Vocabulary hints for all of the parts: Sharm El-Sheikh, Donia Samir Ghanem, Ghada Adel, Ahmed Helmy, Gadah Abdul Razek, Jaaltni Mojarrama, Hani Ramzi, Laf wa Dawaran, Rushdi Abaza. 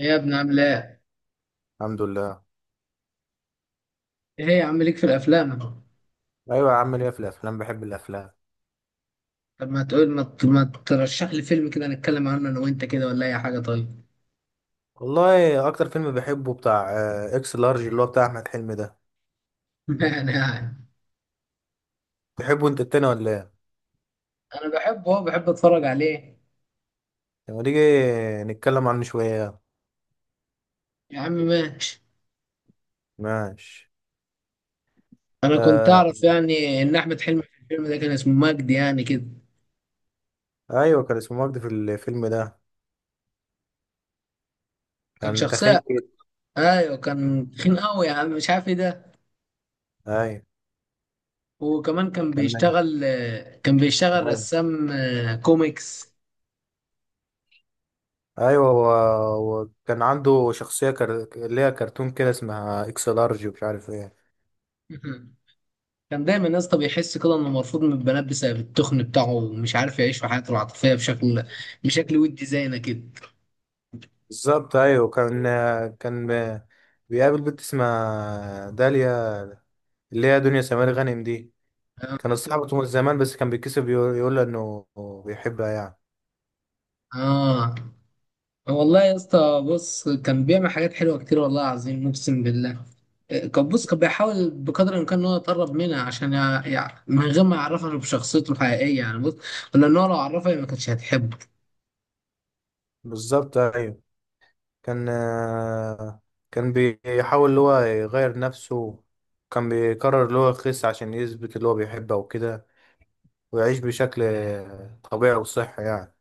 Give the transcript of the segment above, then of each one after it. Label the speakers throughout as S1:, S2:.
S1: ايه يا ابني عامل ايه؟
S2: الحمد لله.
S1: ايه يا عم ليك في الافلام؟
S2: ايوه يا عم ليا في الافلام، بحب الافلام.
S1: طب ما تقول ما ترشح لي فيلم كده نتكلم عنه انا وانت كده ولا اي حاجه طيب.
S2: والله اكتر فيلم بحبه بتاع اكس لارج، اللي هو بتاع احمد حلمي ده.
S1: يعني،
S2: تحبه انت التاني ولا ايه؟
S1: انا بحبه، هو بحب اتفرج عليه.
S2: لما نيجي نتكلم عنه شويه.
S1: يا عم ماشي.
S2: ماشي.
S1: انا كنت
S2: آه.
S1: اعرف يعني ان احمد حلمي في الفيلم ده كان اسمه مجدي يعني كده.
S2: ايوه كان اسمه مجدي في الفيلم ده،
S1: كان
S2: كان تخين
S1: شخصيه،
S2: كده.
S1: ايوه كان تخين قوي يا عم، مش عارف ايه ده.
S2: ايوه
S1: وكمان كان
S2: كان.
S1: بيشتغل، كان بيشتغل
S2: ايوه
S1: رسام كوميكس.
S2: ايوه، وكان عنده اللي هي كرتون كده اسمها اكس لارج ومش عارف ايه.
S1: كان دايما يا اسطى بيحس كده انه مرفوض من البنات بسبب التخن بتاعه ومش عارف يعيش في حياته العاطفيه بشكل ودي زينا كده.
S2: بالظبط ايوه كان. كان بيقابل بنت اسمها داليا، اللي هي دنيا سمير غانم دي، كانت صاحبته من زمان، بس كان بيتكسف يقول له انه بيحبها يعني.
S1: اه والله يا اسطى بص، كان بيعمل حاجات حلوه كتير والله العظيم اقسم بالله. كان، بص كان بيحاول بقدر الامكان ان هو يتقرب منها عشان من غير ما يعرفها بشخصيته الحقيقيه، يعني بص، لان هو لو عرفها هي ما كانتش هتحبه.
S2: بالظبط ايوه كان، كان بيحاول اللي هو يغير نفسه، كان بيقرر اللي هو يخس عشان يثبت اللي هو بيحبها وكده، ويعيش بشكل طبيعي وصحي يعني.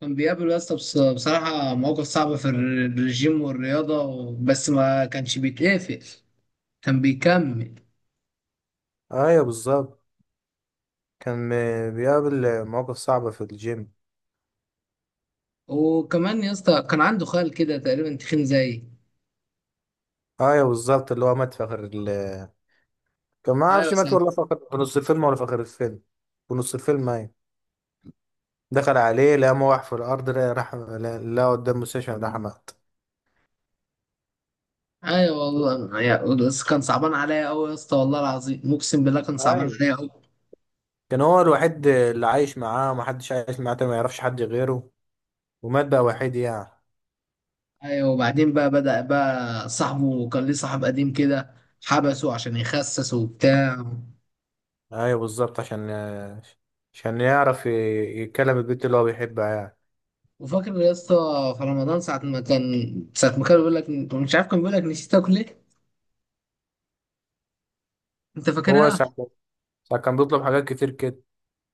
S1: كان بيقابل يا اسطى بصراحه مواقف صعبه في الرجيم والرياضه، بس ما كانش بيتقفل، كان بيكمل.
S2: ايوه بالظبط كان، بيقابل مواقف صعبة في الجيم.
S1: وكمان يا اسطى كان عنده خال كده تقريبا تخين زيي.
S2: ايوه بالظبط اللي هو مات في كان ما
S1: ايوه
S2: اعرفش مات
S1: صعب.
S2: في نص الفيلم ولا في اخر الفيلم. في نص الفيلم ايوه، دخل عليه لقى موح في الارض، لقى راح لقى قدام مستشفى راح مات.
S1: ايوه والله بس كان صعبان عليا قوي يا اسطى، والله العظيم اقسم بالله كان
S2: هاي.
S1: صعبان عليا قوي.
S2: كان هو الوحيد اللي عايش معاه، ومحدش عايش معاه تاني، ما يعرفش حد غيره، ومات بقى وحيد يعني.
S1: ايوه وبعدين بقى، بدأ بقى صاحبه، كان ليه صاحب قديم كده، حبسه عشان يخسس وبتاع.
S2: ايوه بالظبط، عشان يتكلم البنت اللي هو بيحبها يعني.
S1: وفاكر يا اسطى في رمضان ساعة ما كان بيقول لك مش عارف، كان بيقول لك نسيت تاكل ايه؟ انت
S2: هو
S1: فاكرها؟
S2: ساعة ساعة كان بيطلب حاجات كتير كده.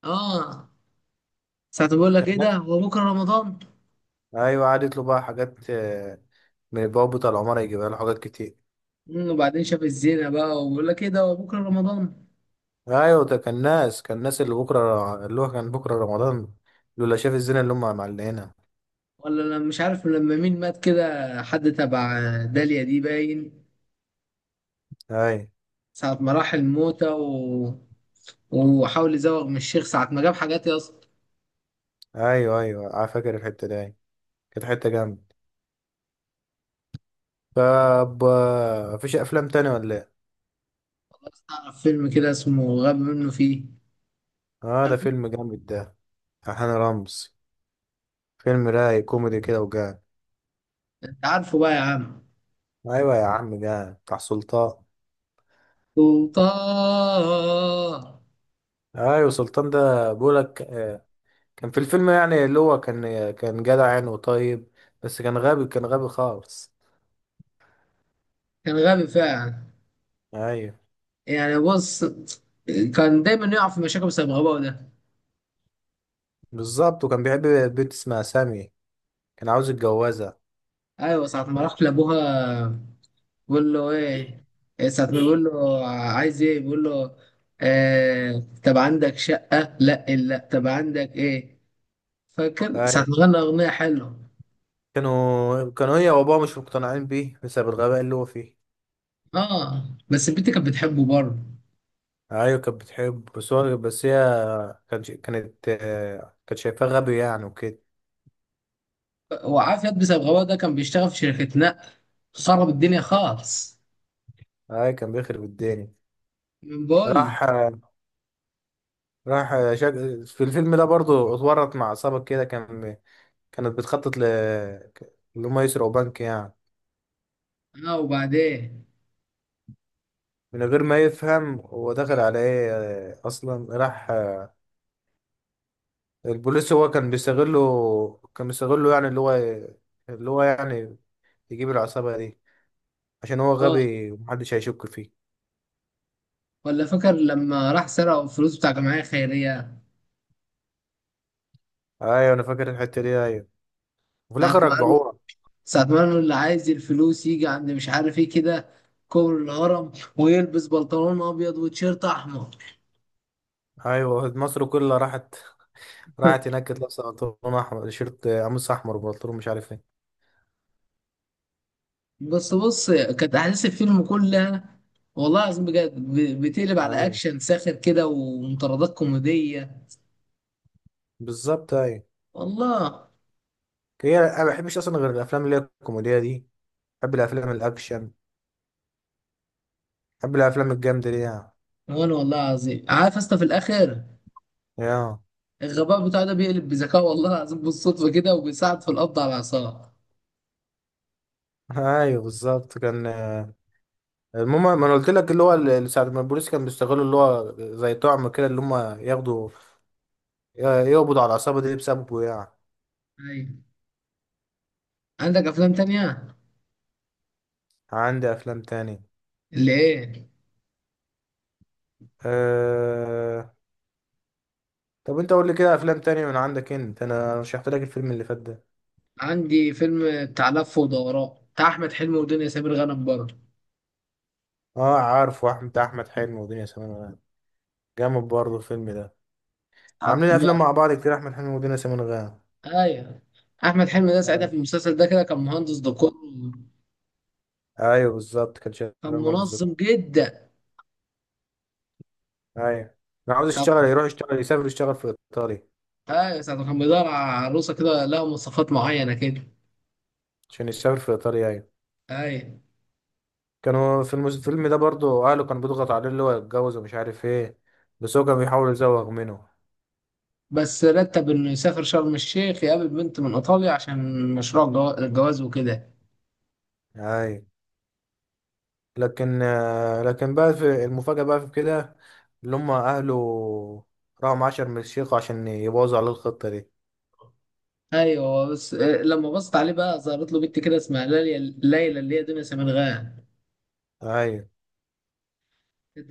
S1: اه، ساعة ما بيقول لك
S2: كان
S1: ايه ده،
S2: الناس،
S1: هو بكره رمضان.
S2: ايوه قعد يطلب بقى حاجات، من البواب بتاع العمارة يجيبها له حاجات كتير.
S1: وبعدين شاف الزينة بقى وبيقول لك ايه ده، هو بكره رمضان.
S2: ايوه ده، كان ناس اللي بكرة، اللي هو كان بكرة رمضان، لولا شاف الزنا اللي هم معلقينها.
S1: ولا انا مش عارف لما مين مات كده، حد تبع داليا دي، باين.
S2: ايوه
S1: ساعة ما راح الموتة و... وحاول يزوغ من الشيخ ساعة ما جاب حاجات يا اسطى.
S2: ايوه، ايوه انا فاكر الحته دي، أيوة. كانت حته جامده. طب مفيش افلام تانية ولا ايه؟
S1: تعرف فيلم كده اسمه غاب منه فيه؟
S2: اه ده
S1: عارفه.
S2: فيلم جامد ده، بتاع هاني رمزي، فيلم رايق كوميدي كده وجامد.
S1: انت عارفه بقى يا عم؟
S2: ايوه يا عم جامد، بتاع سلطان.
S1: سلطان.
S2: ايوه سلطان ده، بقولك كان في الفيلم يعني، اللي هو كان جدع يعني وطيب، بس كان غبي، كان غبي خالص.
S1: كان غبي فعلا.
S2: ايوه
S1: يعني بص، كان دايما يقع في مشاكل بسبب غباءه ده.
S2: بالظبط، وكان بيحب بنت اسمها سامي، كان عاوز يتجوزها.
S1: ايوه ساعة ما راح لابوها بيقول له ايه، إيه ساعة ما بيقول له عايز ايه بيقول له آه، طب عندك شقة، لا لا طب عندك ايه. فاكر ساعة
S2: ايوه
S1: ما غنى أغنية حلوة؟
S2: كانوا هي وابوها مش مقتنعين بيه بسبب الغباء اللي هو فيه.
S1: اه بس البنت كانت بتحبه برضه.
S2: ايوه كانت بتحب، بس هي كانت، كانت شايفاه غبي يعني وكده.
S1: وعافية بسبب غباء ده، كان بيشتغل في شركة نقل، خرب الدنيا خالص
S2: اي كان بيخرب الدنيا.
S1: من بول.
S2: راح راح آه، شك... في الفيلم ده برضو اتورط مع عصابة كده، كان، كانت بتخطط ل اللي هم يسرقوا بنك يعني.
S1: اه وبعدين.
S2: من غير ما يفهم هو دخل على ايه، اصلا راح آه، البوليس هو كان بيستغله، كان بيستغله يعني، اللي هو يعني يجيب العصابة دي عشان هو
S1: اه
S2: غبي ومحدش هيشك فيه.
S1: ولا فاكر لما راح سرق الفلوس بتاع جمعية خيرية؟
S2: ايوه انا فاكر الحتة دي ايوه، وفي
S1: ساعة
S2: الاخر
S1: ما
S2: رجعوها.
S1: ساعة ما قالوا اللي عايز الفلوس يجي عند مش عارف ايه كده، كوبري الهرم، ويلبس بنطلون ابيض وتيشيرت احمر.
S2: ايوه مصر كلها راحت هناك، كانت لابسه بنطلون احمر، شيرت قميص احمر وبنطلون مش عارف ايه.
S1: بس بص، كانت احداث الفيلم كلها والله العظيم بجد بتقلب على
S2: ايوه
S1: اكشن ساخر كده ومطاردات كوميديه.
S2: بالظبط ايوه.
S1: والله.
S2: هي انا ما بحبش اصلا غير الافلام اللي هي الكوميديه دي، بحب الافلام الاكشن، بحب الافلام الجامده دي يعني.
S1: وانا والله العظيم عارف اصلا في الاخر
S2: يا
S1: الغباء بتاعه ده بيقلب بذكاء، والله العظيم بالصدفه كده، وبيساعد في القبض على العصابه.
S2: ايوه بالظبط كان، المهم، ما انا قلت لك اللي هو ساعه ما البوليس كان بيستغلوا اللي هو زي طعم كده، اللي هم ياخدوا يقبضوا على العصابه دي بسببه يعني.
S1: ايوه. عندك افلام تانية؟
S2: عندي افلام تاني.
S1: اللي ايه؟
S2: أه... طب انت قول لي كده افلام تانية من عندك انت، انا رشحت لك الفيلم اللي فات ده.
S1: عندي فيلم بتاع لف ودوران بتاع احمد حلمي ودنيا سمير غانم برضه.
S2: اه عارف، واحمد بتاع احمد حلمي ودنيا سمير غانم، جامد برضه الفيلم ده. عاملين افلام
S1: هتموت.
S2: مع بعض كتير احمد حلمي ودنيا سمير غانم.
S1: ايوه. احمد حلمي ده ساعتها
S2: ايوه.
S1: في المسلسل ده كده كان مهندس ديكور،
S2: ايوه بالظبط كان شغال
S1: كان
S2: مهندس زكي.
S1: منظم جدا.
S2: ايوه انا عاوز
S1: ساعة،
S2: يشتغل، يروح يشتغل، يسافر يشتغل في ايطاليا.
S1: ايوه ساعة ما كان بيدور على عروسة كده لها مواصفات معينة كده.
S2: عشان يسافر في ايطاليا ايوه.
S1: ايوه.
S2: كانوا في الفيلم ده برضه اهله كانوا بيضغط عليه اللي هو يتجوز ومش عارف ايه، بس هو كان بيحاول يزوغ منه.
S1: بس رتب انه يسافر شرم الشيخ يقابل بنت من ايطاليا عشان مشروع الجواز وكده.
S2: ايوه لكن لكن بقى في المفاجأة بقى في كده، اللي هم أهله راحوا مع عشر من الشيخ عشان يبوظوا عليه الخطة دي.
S1: ايوه بس لما بصت عليه بقى ظهرت له بنت كده اسمها ليلى، اللي هي دنيا سمير غانم.
S2: أيوة.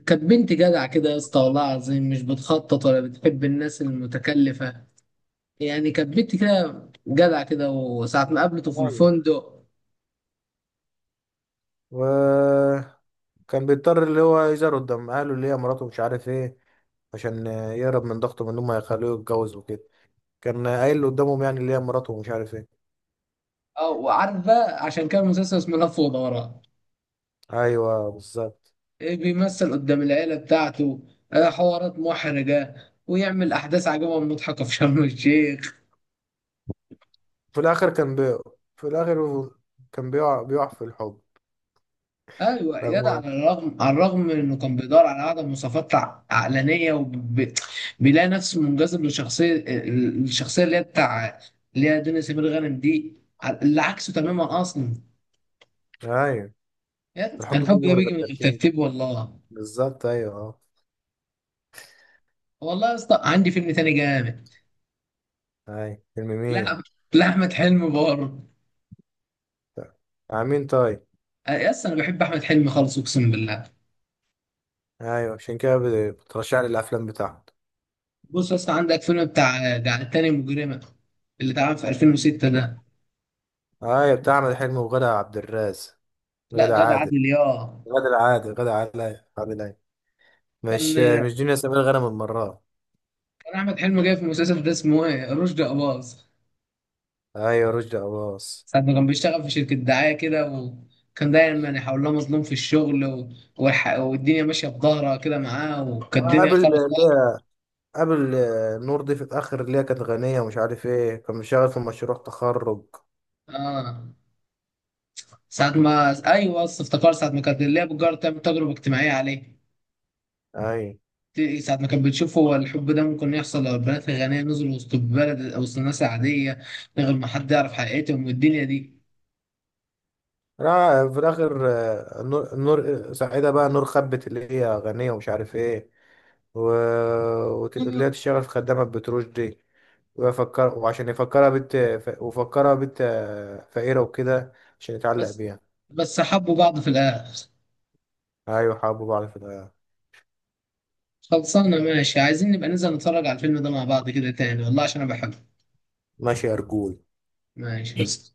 S1: كانت بنت جدع كده يا اسطى، والله العظيم مش بتخطط ولا بتحب الناس المتكلفة، يعني كانت بنت كده جدع كده. وساعة ما قابلته في
S2: ايوه،
S1: الفندق.
S2: وكان بيضطر اللي هو يزار قدام أهله اللي هي مراته مش عارف إيه، عشان يهرب من ضغطه من إن هم يخلوه يتجوز وكده، كان قايل قدامهم يعني اللي هي مراته ومش عارف إيه.
S1: اه، وعارف بقى عشان كان المسلسل اسمه لف ودوران،
S2: أيوة بالظبط.
S1: إيه، بيمثل قدام العيلة بتاعته حوارات محرجة، ويعمل أحداث عجيبة ومضحكة في شرم الشيخ.
S2: في الآخر في الآخر هو كان بيقع في الحب.
S1: ايوه اياد، على
S2: رغم
S1: الرغم من انه كان بيدور على اعلى مواصفات عقلانيه، وبيلاقي نفسه منجذب لشخصيه الشخصيه اللي هي بتاع، اللي هي دنيا سمير غانم دي، اللي عكسه تماما اصلا.
S2: أيوة. الحب
S1: الحب
S2: بيجي
S1: ده
S2: من
S1: بيجي
S2: غير
S1: من
S2: ترتيب،
S1: الترتيب والله.
S2: بالظبط أيوة أه.
S1: والله يا اسطى عندي فيلم تاني جامد.
S2: اي فيلم مين؟
S1: لا، لاحمد حلمي برضه.
S2: طيب. مين طيب؟
S1: يا اسطى انا بحب احمد حلمي خالص اقسم بالله.
S2: ايوه عشان كده بترشح لي الافلام بتاعته.
S1: بص يا اسطى عندك فيلم بتاع جعلتني مجرمه اللي اتعمل في 2006 ده.
S2: ايوه بتاع احمد حلمي وغادة عبد الرازق.
S1: لا
S2: غادة
S1: غادة
S2: عادل،
S1: عادل ياه.
S2: غادة العادل غادة عادل أيوة، عادل ايوه،
S1: كان
S2: مش مش دنيا سمير غانم المرة.
S1: كان احمد حلمي جاي في المسلسل ده اسمه ايه، رشدي اباظ.
S2: ايوه رشدي اباظ.
S1: ساعة ما كان بيشتغل في شركة دعاية كده، وكان دايما يحاول له مظلوم في الشغل و... والدنيا ماشية في ظهرها كده معاه، وكانت الدنيا
S2: قابل
S1: خالص.
S2: اللي قابل نور دي في الاخر، اللي هي كانت غنية ومش عارف ايه، كان مشغل في مشروع تخرج.
S1: اه ساعة ما، ايوه بس افتكر ساعة ما كانت اللي هي بتجرب تعمل تجربة اجتماعية عليه.
S2: ايوه.
S1: ساعة ما كانت بتشوف هو الحب ده ممكن يحصل لو البنات الغنية نزلوا وسط البلد وسط الناس العادية من غير ما حد يعرف حقيقتهم والدنيا دي.
S2: لا في الاخر نور، نور سعيدة بقى نور خبت، اللي هي غنية ومش عارف ايه، و... اللي هي
S1: آه،
S2: تشتغل في خدامة بتروج دي، وعشان يفكرها بنت ف... وفكرها بنت فقيرة وكده عشان يتعلق
S1: بس
S2: بيها.
S1: بس حبوا بعض في الآخر.
S2: أيوة حبوا بعض في الحياة.
S1: خلصانة ماشي، عايزين نبقى ننزل نتفرج على الفيلم ده مع بعض كده تاني والله عشان أنا بحبه.
S2: ماشي يا رجول.
S1: ماشي بس.